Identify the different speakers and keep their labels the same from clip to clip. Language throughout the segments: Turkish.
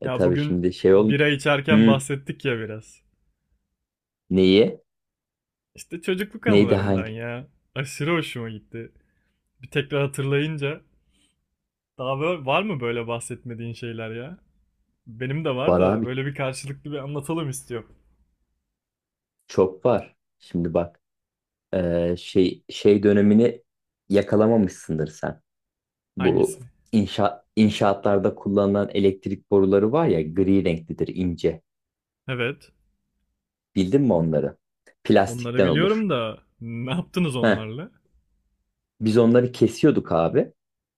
Speaker 1: Ya
Speaker 2: Tabii
Speaker 1: bugün
Speaker 2: şimdi.
Speaker 1: bira içerken
Speaker 2: Hı,
Speaker 1: bahsettik ya biraz.
Speaker 2: neyi?
Speaker 1: İşte çocukluk
Speaker 2: Neydi
Speaker 1: anılarından
Speaker 2: hangi?
Speaker 1: ya. Aşırı hoşuma gitti. Bir tekrar hatırlayınca. Daha böyle, var mı böyle bahsetmediğin şeyler ya? Benim de var
Speaker 2: Var
Speaker 1: da
Speaker 2: abi.
Speaker 1: böyle bir karşılıklı bir anlatalım istiyorum.
Speaker 2: Çok var. Şimdi bak. Şey dönemini yakalamamışsındır sen. Bu
Speaker 1: Hangisi?
Speaker 2: inşaatlarda kullanılan elektrik boruları var ya, gri renklidir, ince.
Speaker 1: Evet.
Speaker 2: Bildin mi onları?
Speaker 1: Onları
Speaker 2: Plastikten olur.
Speaker 1: biliyorum da ne yaptınız
Speaker 2: Heh.
Speaker 1: onlarla?
Speaker 2: Biz onları kesiyorduk abi.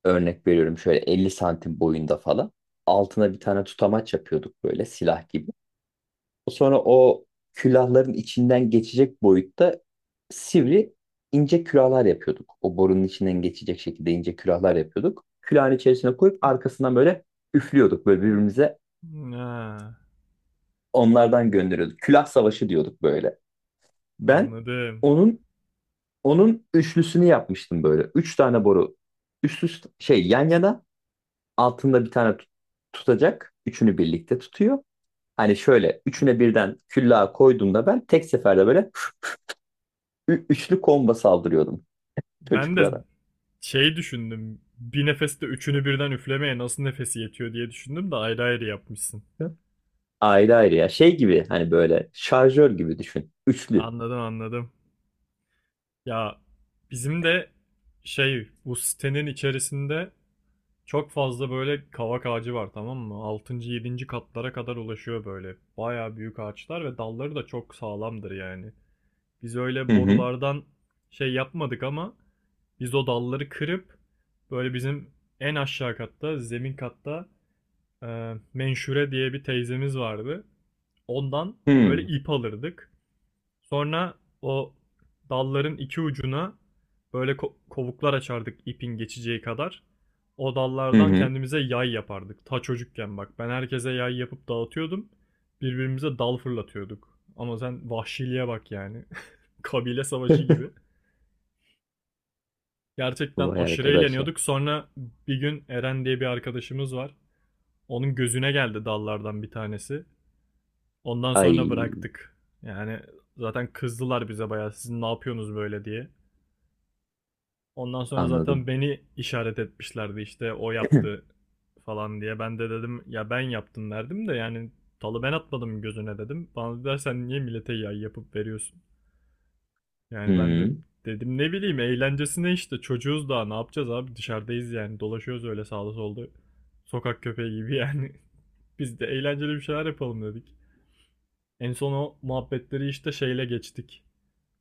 Speaker 2: Örnek veriyorum, şöyle 50 santim boyunda falan. Altına bir tane tutamaç yapıyorduk, böyle silah gibi. Sonra o külahların içinden geçecek boyutta sivri ince külahlar yapıyorduk. O borunun içinden geçecek şekilde ince külahlar yapıyorduk. Külahın içerisine koyup arkasından böyle üflüyorduk. Böyle birbirimize
Speaker 1: Ha,
Speaker 2: onlardan gönderiyorduk. Külah savaşı diyorduk böyle. Ben
Speaker 1: anladım.
Speaker 2: onun onun üçlüsünü yapmıştım böyle. Üç tane boru üst üste, yan yana, altında bir tane tutacak. Üçünü birlikte tutuyor. Hani şöyle üçüne birden küllağı koyduğumda ben tek seferde böyle üçlü komba saldırıyordum
Speaker 1: Ben de
Speaker 2: çocuklara.
Speaker 1: şey düşündüm. Bir nefeste üçünü birden üflemeye nasıl nefesi yetiyor diye düşündüm de ayrı ayrı yapmışsın.
Speaker 2: Ayrı ayrı ya. Şey gibi, hani böyle şarjör gibi düşün. Üçlü.
Speaker 1: Anladım, anladım. Ya bizim de şey bu sitenin içerisinde çok fazla böyle kavak ağacı var, tamam mı? Altıncı yedinci katlara kadar ulaşıyor böyle. Baya büyük ağaçlar ve dalları da çok sağlamdır yani. Biz öyle
Speaker 2: Hı hı.
Speaker 1: borulardan şey yapmadık ama biz o dalları kırıp böyle bizim en aşağı katta, zemin katta, Menşure diye bir teyzemiz vardı. Ondan böyle
Speaker 2: Hı
Speaker 1: ip alırdık. Sonra o dalların iki ucuna böyle kovuklar açardık, ipin geçeceği kadar. O dallardan
Speaker 2: hı.
Speaker 1: kendimize yay yapardık. Ta çocukken bak ben herkese yay yapıp dağıtıyordum. Birbirimize dal fırlatıyorduk. Ama sen vahşiliğe bak yani. Kabile savaşı
Speaker 2: Hı.
Speaker 1: gibi. Gerçekten
Speaker 2: Vay
Speaker 1: aşırı
Speaker 2: arkadaş ya.
Speaker 1: eğleniyorduk. Sonra bir gün Eren diye bir arkadaşımız var. Onun gözüne geldi dallardan bir tanesi. Ondan sonra
Speaker 2: Ay,
Speaker 1: bıraktık. Yani zaten kızdılar bize bayağı, sizin ne yapıyorsunuz böyle diye. Ondan sonra zaten
Speaker 2: anladım.
Speaker 1: beni işaret etmişlerdi, işte o yaptı falan diye. Ben de dedim ya ben yaptım derdim de yani talı ben atmadım gözüne dedim. Bana dediler sen niye millete yay yapıp veriyorsun? Yani ben de
Speaker 2: Hmm.
Speaker 1: dedim ne bileyim, eğlencesine işte, çocuğuz daha, ne yapacağız abi, dışarıdayız yani, dolaşıyoruz öyle sağda solda. Sokak köpeği gibi yani. Biz de eğlenceli bir şeyler yapalım dedik. En son o muhabbetleri işte şeyle geçtik.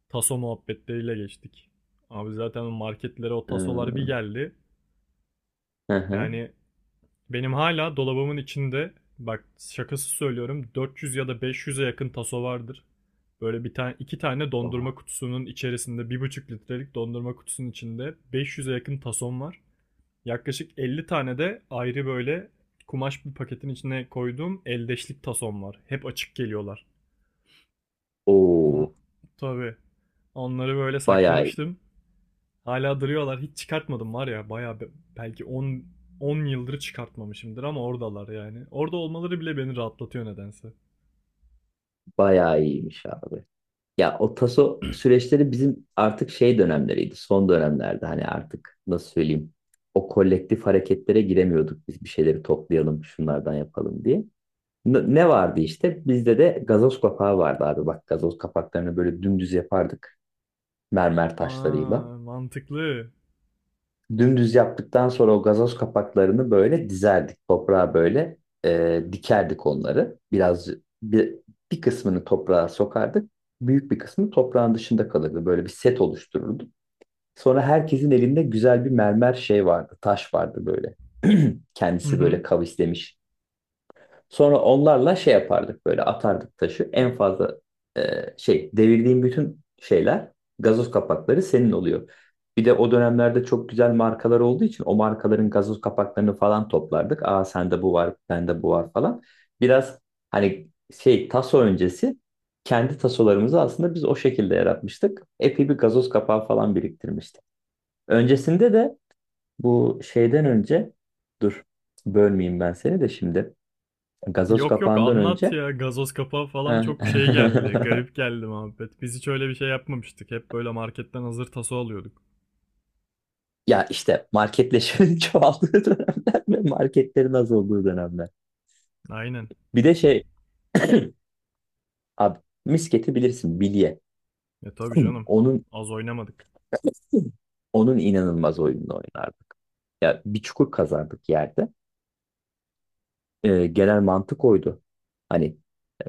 Speaker 1: Taso muhabbetleriyle geçtik. Abi zaten marketlere o tasolar bir
Speaker 2: Ee,
Speaker 1: geldi.
Speaker 2: hı hı.
Speaker 1: Yani, benim hala dolabımın içinde, bak şakası söylüyorum, 400 ya da 500'e yakın taso vardır. Böyle bir tane iki tane dondurma
Speaker 2: Oha.
Speaker 1: kutusunun içerisinde, bir buçuk litrelik dondurma kutusunun içinde 500'e yakın tason var. Yaklaşık 50 tane de ayrı böyle kumaş bir paketin içine koyduğum eldeşlik tason var. Hep açık geliyorlar. On,
Speaker 2: Oo.
Speaker 1: tabii. Onları böyle
Speaker 2: Bayağı iyi-
Speaker 1: saklamıştım. Hala duruyorlar. Hiç çıkartmadım var ya. Bayağı belki 10 yıldır çıkartmamışımdır ama oradalar yani. Orada olmaları bile beni rahatlatıyor nedense.
Speaker 2: bayağı iyiymiş abi. Ya, o taso süreçleri bizim artık şey dönemleriydi. Son dönemlerde hani artık nasıl söyleyeyim. O kolektif hareketlere giremiyorduk, biz bir şeyleri toplayalım şunlardan yapalım diye. Ne vardı işte? Bizde de gazoz kapağı vardı abi. Bak, gazoz kapaklarını böyle dümdüz yapardık, mermer taşlarıyla.
Speaker 1: Aa, mantıklı.
Speaker 2: Dümdüz yaptıktan sonra o gazoz kapaklarını böyle dizerdik. Toprağa böyle, dikerdik onları. Biraz, bir, bir kısmını toprağa sokardık. Büyük bir kısmı toprağın dışında kalırdı. Böyle bir set oluştururduk. Sonra herkesin elinde güzel bir mermer şey vardı. Taş vardı böyle.
Speaker 1: Hı
Speaker 2: Kendisi
Speaker 1: hı.
Speaker 2: böyle kavislemiş. Sonra onlarla şey yapardık, böyle atardık taşı. En fazla e, şey, devirdiğim bütün şeyler gazoz kapakları senin oluyor. Bir de o dönemlerde çok güzel markalar olduğu için o markaların gazoz kapaklarını falan toplardık. Aa, sende bu var, bende bu var falan. Biraz, hani, şey, taso öncesi kendi tasolarımızı aslında biz o şekilde yaratmıştık. Epey bir gazoz kapağı falan biriktirmiştik. Öncesinde de, bu şeyden önce, dur, bölmeyeyim ben seni de şimdi. Gazoz
Speaker 1: Yok yok,
Speaker 2: kapağından
Speaker 1: anlat
Speaker 2: önce,
Speaker 1: ya. Gazoz kapağı falan çok şey geldi. Garip geldi muhabbet. Biz hiç öyle bir şey yapmamıştık. Hep böyle marketten hazır taso alıyorduk.
Speaker 2: ya işte marketleşmenin çoğaldığı dönemler ve marketlerin az olduğu dönemler.
Speaker 1: Aynen.
Speaker 2: Bir de şey, abi, misketi bilirsin, bilye.
Speaker 1: E tabii canım.
Speaker 2: Onun
Speaker 1: Az oynamadık.
Speaker 2: onun inanılmaz oyununu oynardık. Ya, bir çukur kazardık yerde. Genel mantık oydu. Hani,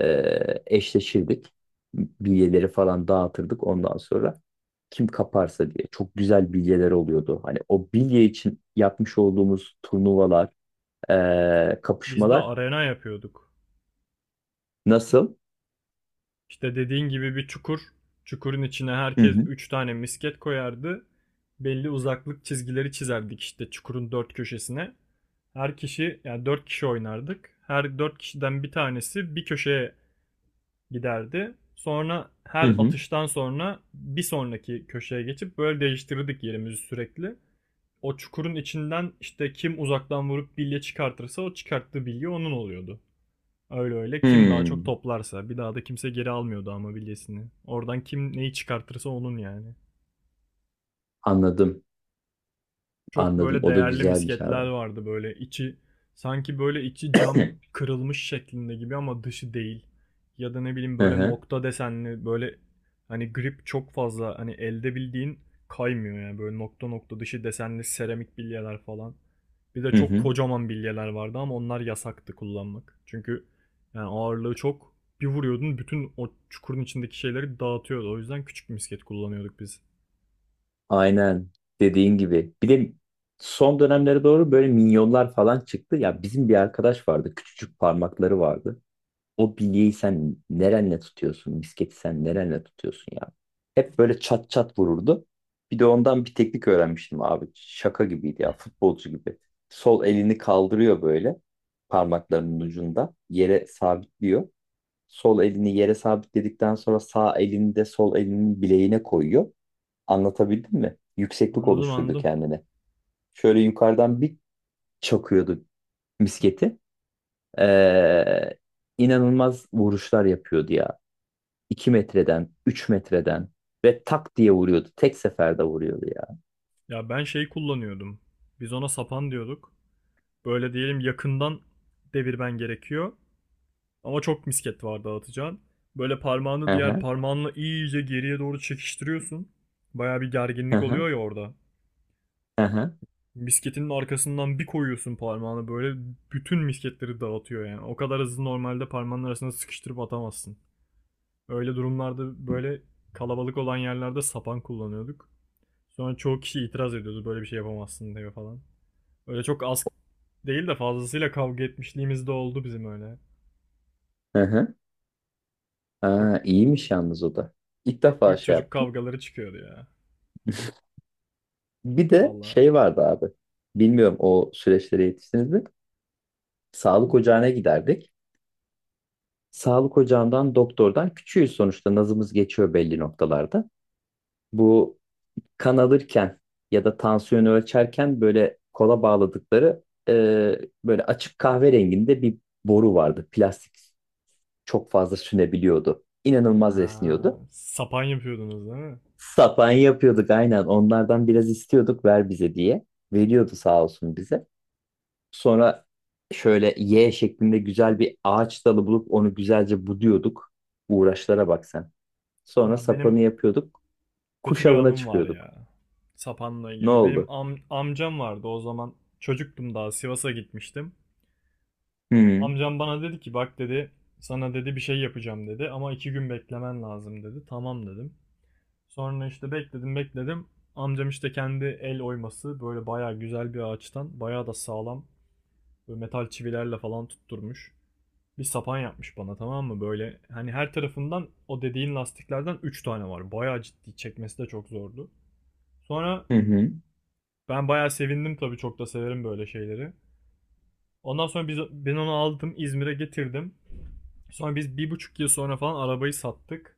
Speaker 2: eşleşirdik. Bilyeleri falan dağıtırdık ondan sonra, kim kaparsa diye. Çok güzel bilyeler oluyordu. Hani o bilye için yapmış olduğumuz turnuvalar,
Speaker 1: Biz de
Speaker 2: kapışmalar
Speaker 1: arena yapıyorduk.
Speaker 2: nasıl?
Speaker 1: İşte dediğin gibi bir çukur. Çukurun içine
Speaker 2: Hı
Speaker 1: herkes
Speaker 2: hı.
Speaker 1: 3 tane misket koyardı. Belli uzaklık çizgileri çizerdik işte çukurun dört köşesine. Her kişi yani 4 kişi oynardık. Her 4 kişiden bir tanesi bir köşeye giderdi. Sonra
Speaker 2: Hı
Speaker 1: her
Speaker 2: hı.
Speaker 1: atıştan sonra bir sonraki köşeye geçip böyle değiştirirdik yerimizi sürekli. O çukurun içinden işte kim uzaktan vurup bilye çıkartırsa o çıkarttığı bilye onun oluyordu. Öyle öyle. Kim daha çok
Speaker 2: Hmm.
Speaker 1: toplarsa. Bir daha da kimse geri almıyordu ama bilyesini. Oradan kim neyi çıkartırsa onun yani.
Speaker 2: Anladım.
Speaker 1: Çok
Speaker 2: Anladım.
Speaker 1: böyle
Speaker 2: O da
Speaker 1: değerli
Speaker 2: güzelmiş abi.
Speaker 1: misketler vardı, böyle içi sanki böyle içi cam kırılmış şeklinde gibi ama dışı değil. Ya da ne bileyim
Speaker 2: Hı
Speaker 1: böyle
Speaker 2: hı.
Speaker 1: nokta desenli böyle, hani grip çok fazla, hani elde bildiğin kaymıyor yani, böyle nokta nokta dışı desenli seramik bilyeler falan. Bir de
Speaker 2: Hı
Speaker 1: çok
Speaker 2: hı.
Speaker 1: kocaman bilyeler vardı ama onlar yasaktı kullanmak. Çünkü yani ağırlığı çok. Bir vuruyordun bütün o çukurun içindeki şeyleri dağıtıyordu. O yüzden küçük misket kullanıyorduk biz.
Speaker 2: Aynen dediğin gibi. Bir de son dönemlere doğru böyle minyonlar falan çıktı. Ya, bizim bir arkadaş vardı. Küçücük parmakları vardı. O bilyeyi sen nerenle tutuyorsun? Misketi sen nerenle tutuyorsun ya? Hep böyle çat çat vururdu. Bir de ondan bir teknik öğrenmiştim abi. Şaka gibiydi ya, futbolcu gibi. Sol elini kaldırıyor, böyle parmaklarının ucunda yere sabitliyor. Sol elini yere sabitledikten sonra sağ elini de sol elinin bileğine koyuyor. Anlatabildim mi? Yükseklik
Speaker 1: Anladım,
Speaker 2: oluşturdu
Speaker 1: anladım.
Speaker 2: kendine. Şöyle yukarıdan bir çakıyordu misketi. Ee, inanılmaz vuruşlar yapıyordu ya. 2 metreden, 3 metreden, ve tak diye vuruyordu. Tek seferde vuruyordu ya.
Speaker 1: Ya ben şey kullanıyordum. Biz ona sapan diyorduk. Böyle diyelim yakından devirmen gerekiyor. Ama çok misket var dağıtacağın. Böyle parmağını
Speaker 2: Hı
Speaker 1: diğer
Speaker 2: hı,
Speaker 1: parmağınla iyice geriye doğru çekiştiriyorsun. Baya bir
Speaker 2: hı
Speaker 1: gerginlik
Speaker 2: hı,
Speaker 1: oluyor ya orada.
Speaker 2: hı hı,
Speaker 1: Misketinin arkasından bir koyuyorsun parmağını, böyle bütün misketleri dağıtıyor yani. O kadar hızlı normalde parmağının arasına sıkıştırıp atamazsın. Öyle durumlarda böyle kalabalık olan yerlerde sapan kullanıyorduk. Sonra çoğu kişi itiraz ediyordu, böyle bir şey yapamazsın diye falan. Öyle çok az değil de fazlasıyla kavga etmişliğimiz de oldu bizim öyle.
Speaker 2: hı hı.
Speaker 1: Çok,
Speaker 2: Aa, iyiymiş yalnız o da. İlk
Speaker 1: çok
Speaker 2: defa
Speaker 1: büyük
Speaker 2: şey
Speaker 1: çocuk
Speaker 2: yaptım.
Speaker 1: kavgaları çıkıyordu ya.
Speaker 2: Bir de
Speaker 1: Vallahi.
Speaker 2: şey vardı abi. Bilmiyorum, o süreçlere yetiştiniz mi? Sağlık ocağına giderdik. Sağlık ocağından doktordan, küçüğüz sonuçta, nazımız geçiyor belli noktalarda. Bu, kan alırken ya da tansiyonu ölçerken böyle kola bağladıkları, e, böyle açık kahverenginde bir boru vardı. Plastik, çok fazla sünebiliyordu. İnanılmaz
Speaker 1: Ha,
Speaker 2: esniyordu.
Speaker 1: sapan yapıyordunuz değil mi?
Speaker 2: Sapan yapıyorduk aynen. Onlardan biraz istiyorduk, ver bize diye. Veriyordu, sağ olsun, bize. Sonra şöyle Y şeklinde güzel bir ağaç dalı bulup onu güzelce buduyorduk. Uğraşlara bak sen. Sonra
Speaker 1: Ya benim
Speaker 2: sapanı yapıyorduk.
Speaker 1: Kötü
Speaker 2: Kuş
Speaker 1: bir
Speaker 2: avına
Speaker 1: anım var
Speaker 2: çıkıyorduk.
Speaker 1: ya. Sapanla
Speaker 2: Ne
Speaker 1: ilgili. Benim
Speaker 2: oldu?
Speaker 1: amcam vardı o zaman. Çocuktum daha, Sivas'a gitmiştim.
Speaker 2: Hı
Speaker 1: Amcam bana dedi ki bak dedi, sana dedi bir şey yapacağım dedi ama iki gün beklemen lazım dedi. Tamam dedim. Sonra işte bekledim bekledim. Amcam işte kendi el oyması, böyle bayağı güzel bir ağaçtan, bayağı da sağlam, böyle metal çivilerle falan tutturmuş. Bir sapan yapmış bana, tamam mı? Böyle hani her tarafından o dediğin lastiklerden 3 tane var. Bayağı ciddi, çekmesi de çok zordu. Sonra
Speaker 2: hı. Hı.
Speaker 1: ben bayağı sevindim tabii, çok da severim böyle şeyleri. Ondan sonra biz, ben onu aldım İzmir'e getirdim. Sonra biz bir buçuk yıl sonra falan arabayı sattık.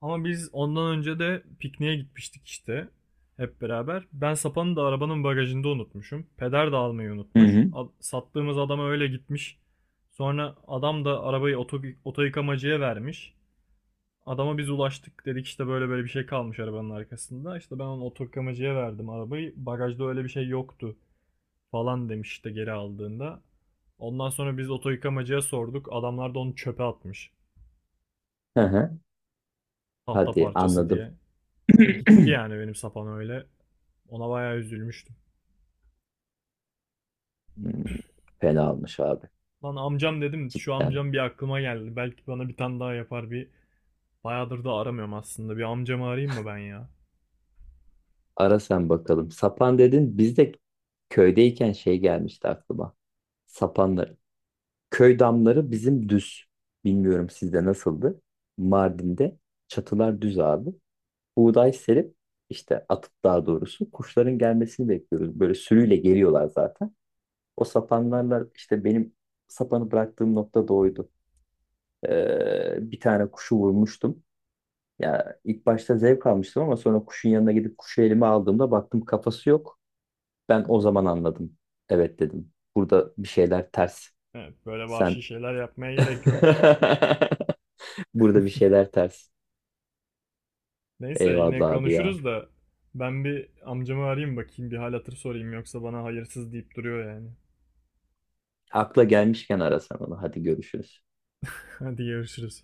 Speaker 1: Ama biz ondan önce de pikniğe gitmiştik işte. Hep beraber. Ben sapanı da arabanın bagajında unutmuşum. Peder de almayı
Speaker 2: Hı
Speaker 1: unutmuş.
Speaker 2: hı.
Speaker 1: Sattığımız adama öyle gitmiş. Sonra adam da arabayı oto yıkamacıya vermiş. Adama biz ulaştık dedik, işte böyle böyle bir şey kalmış arabanın arkasında. İşte ben onu oto yıkamacıya verdim arabayı. Bagajda öyle bir şey yoktu falan demiş işte geri aldığında. Ondan sonra biz oto yıkamacıya sorduk. Adamlar da onu çöpe atmış.
Speaker 2: Hı hı.
Speaker 1: Tahta
Speaker 2: Hadi,
Speaker 1: parçası
Speaker 2: anladım.
Speaker 1: diye. Gitti yani benim sapan öyle. Ona bayağı üzülmüştüm.
Speaker 2: Hmm, fena olmuş abi.
Speaker 1: Lan amcam dedim, şu
Speaker 2: Cidden.
Speaker 1: amcam bir aklıma geldi. Belki bana bir tane daha yapar bir. Bayağıdır da aramıyorum aslında. Bir amcamı arayayım mı ben ya?
Speaker 2: Ara sen bakalım. Sapan dedin. Biz de köydeyken şey gelmişti aklıma. Sapanları. Köy damları bizim düz. Bilmiyorum sizde nasıldı. Mardin'de çatılar düz abi. Buğday serip işte atıp, daha doğrusu, kuşların gelmesini bekliyoruz. Böyle sürüyle geliyorlar zaten. O sapanlarla işte, benim sapanı bıraktığım nokta da oydu. Bir tane kuşu vurmuştum. Ya ilk başta zevk almıştım ama sonra kuşun yanına gidip kuşu elime aldığımda baktım, kafası yok. Ben o zaman anladım. Evet dedim. Burada bir şeyler ters.
Speaker 1: Evet, böyle vahşi
Speaker 2: Sen
Speaker 1: şeyler yapmaya gerek yok.
Speaker 2: burada bir şeyler ters.
Speaker 1: Neyse yine
Speaker 2: Eyvallah abi ya.
Speaker 1: konuşuruz da ben bir amcamı arayayım bakayım, bir hal hatır sorayım, yoksa bana hayırsız deyip duruyor yani.
Speaker 2: Akla gelmişken arasan onu. Hadi görüşürüz.
Speaker 1: Hadi görüşürüz.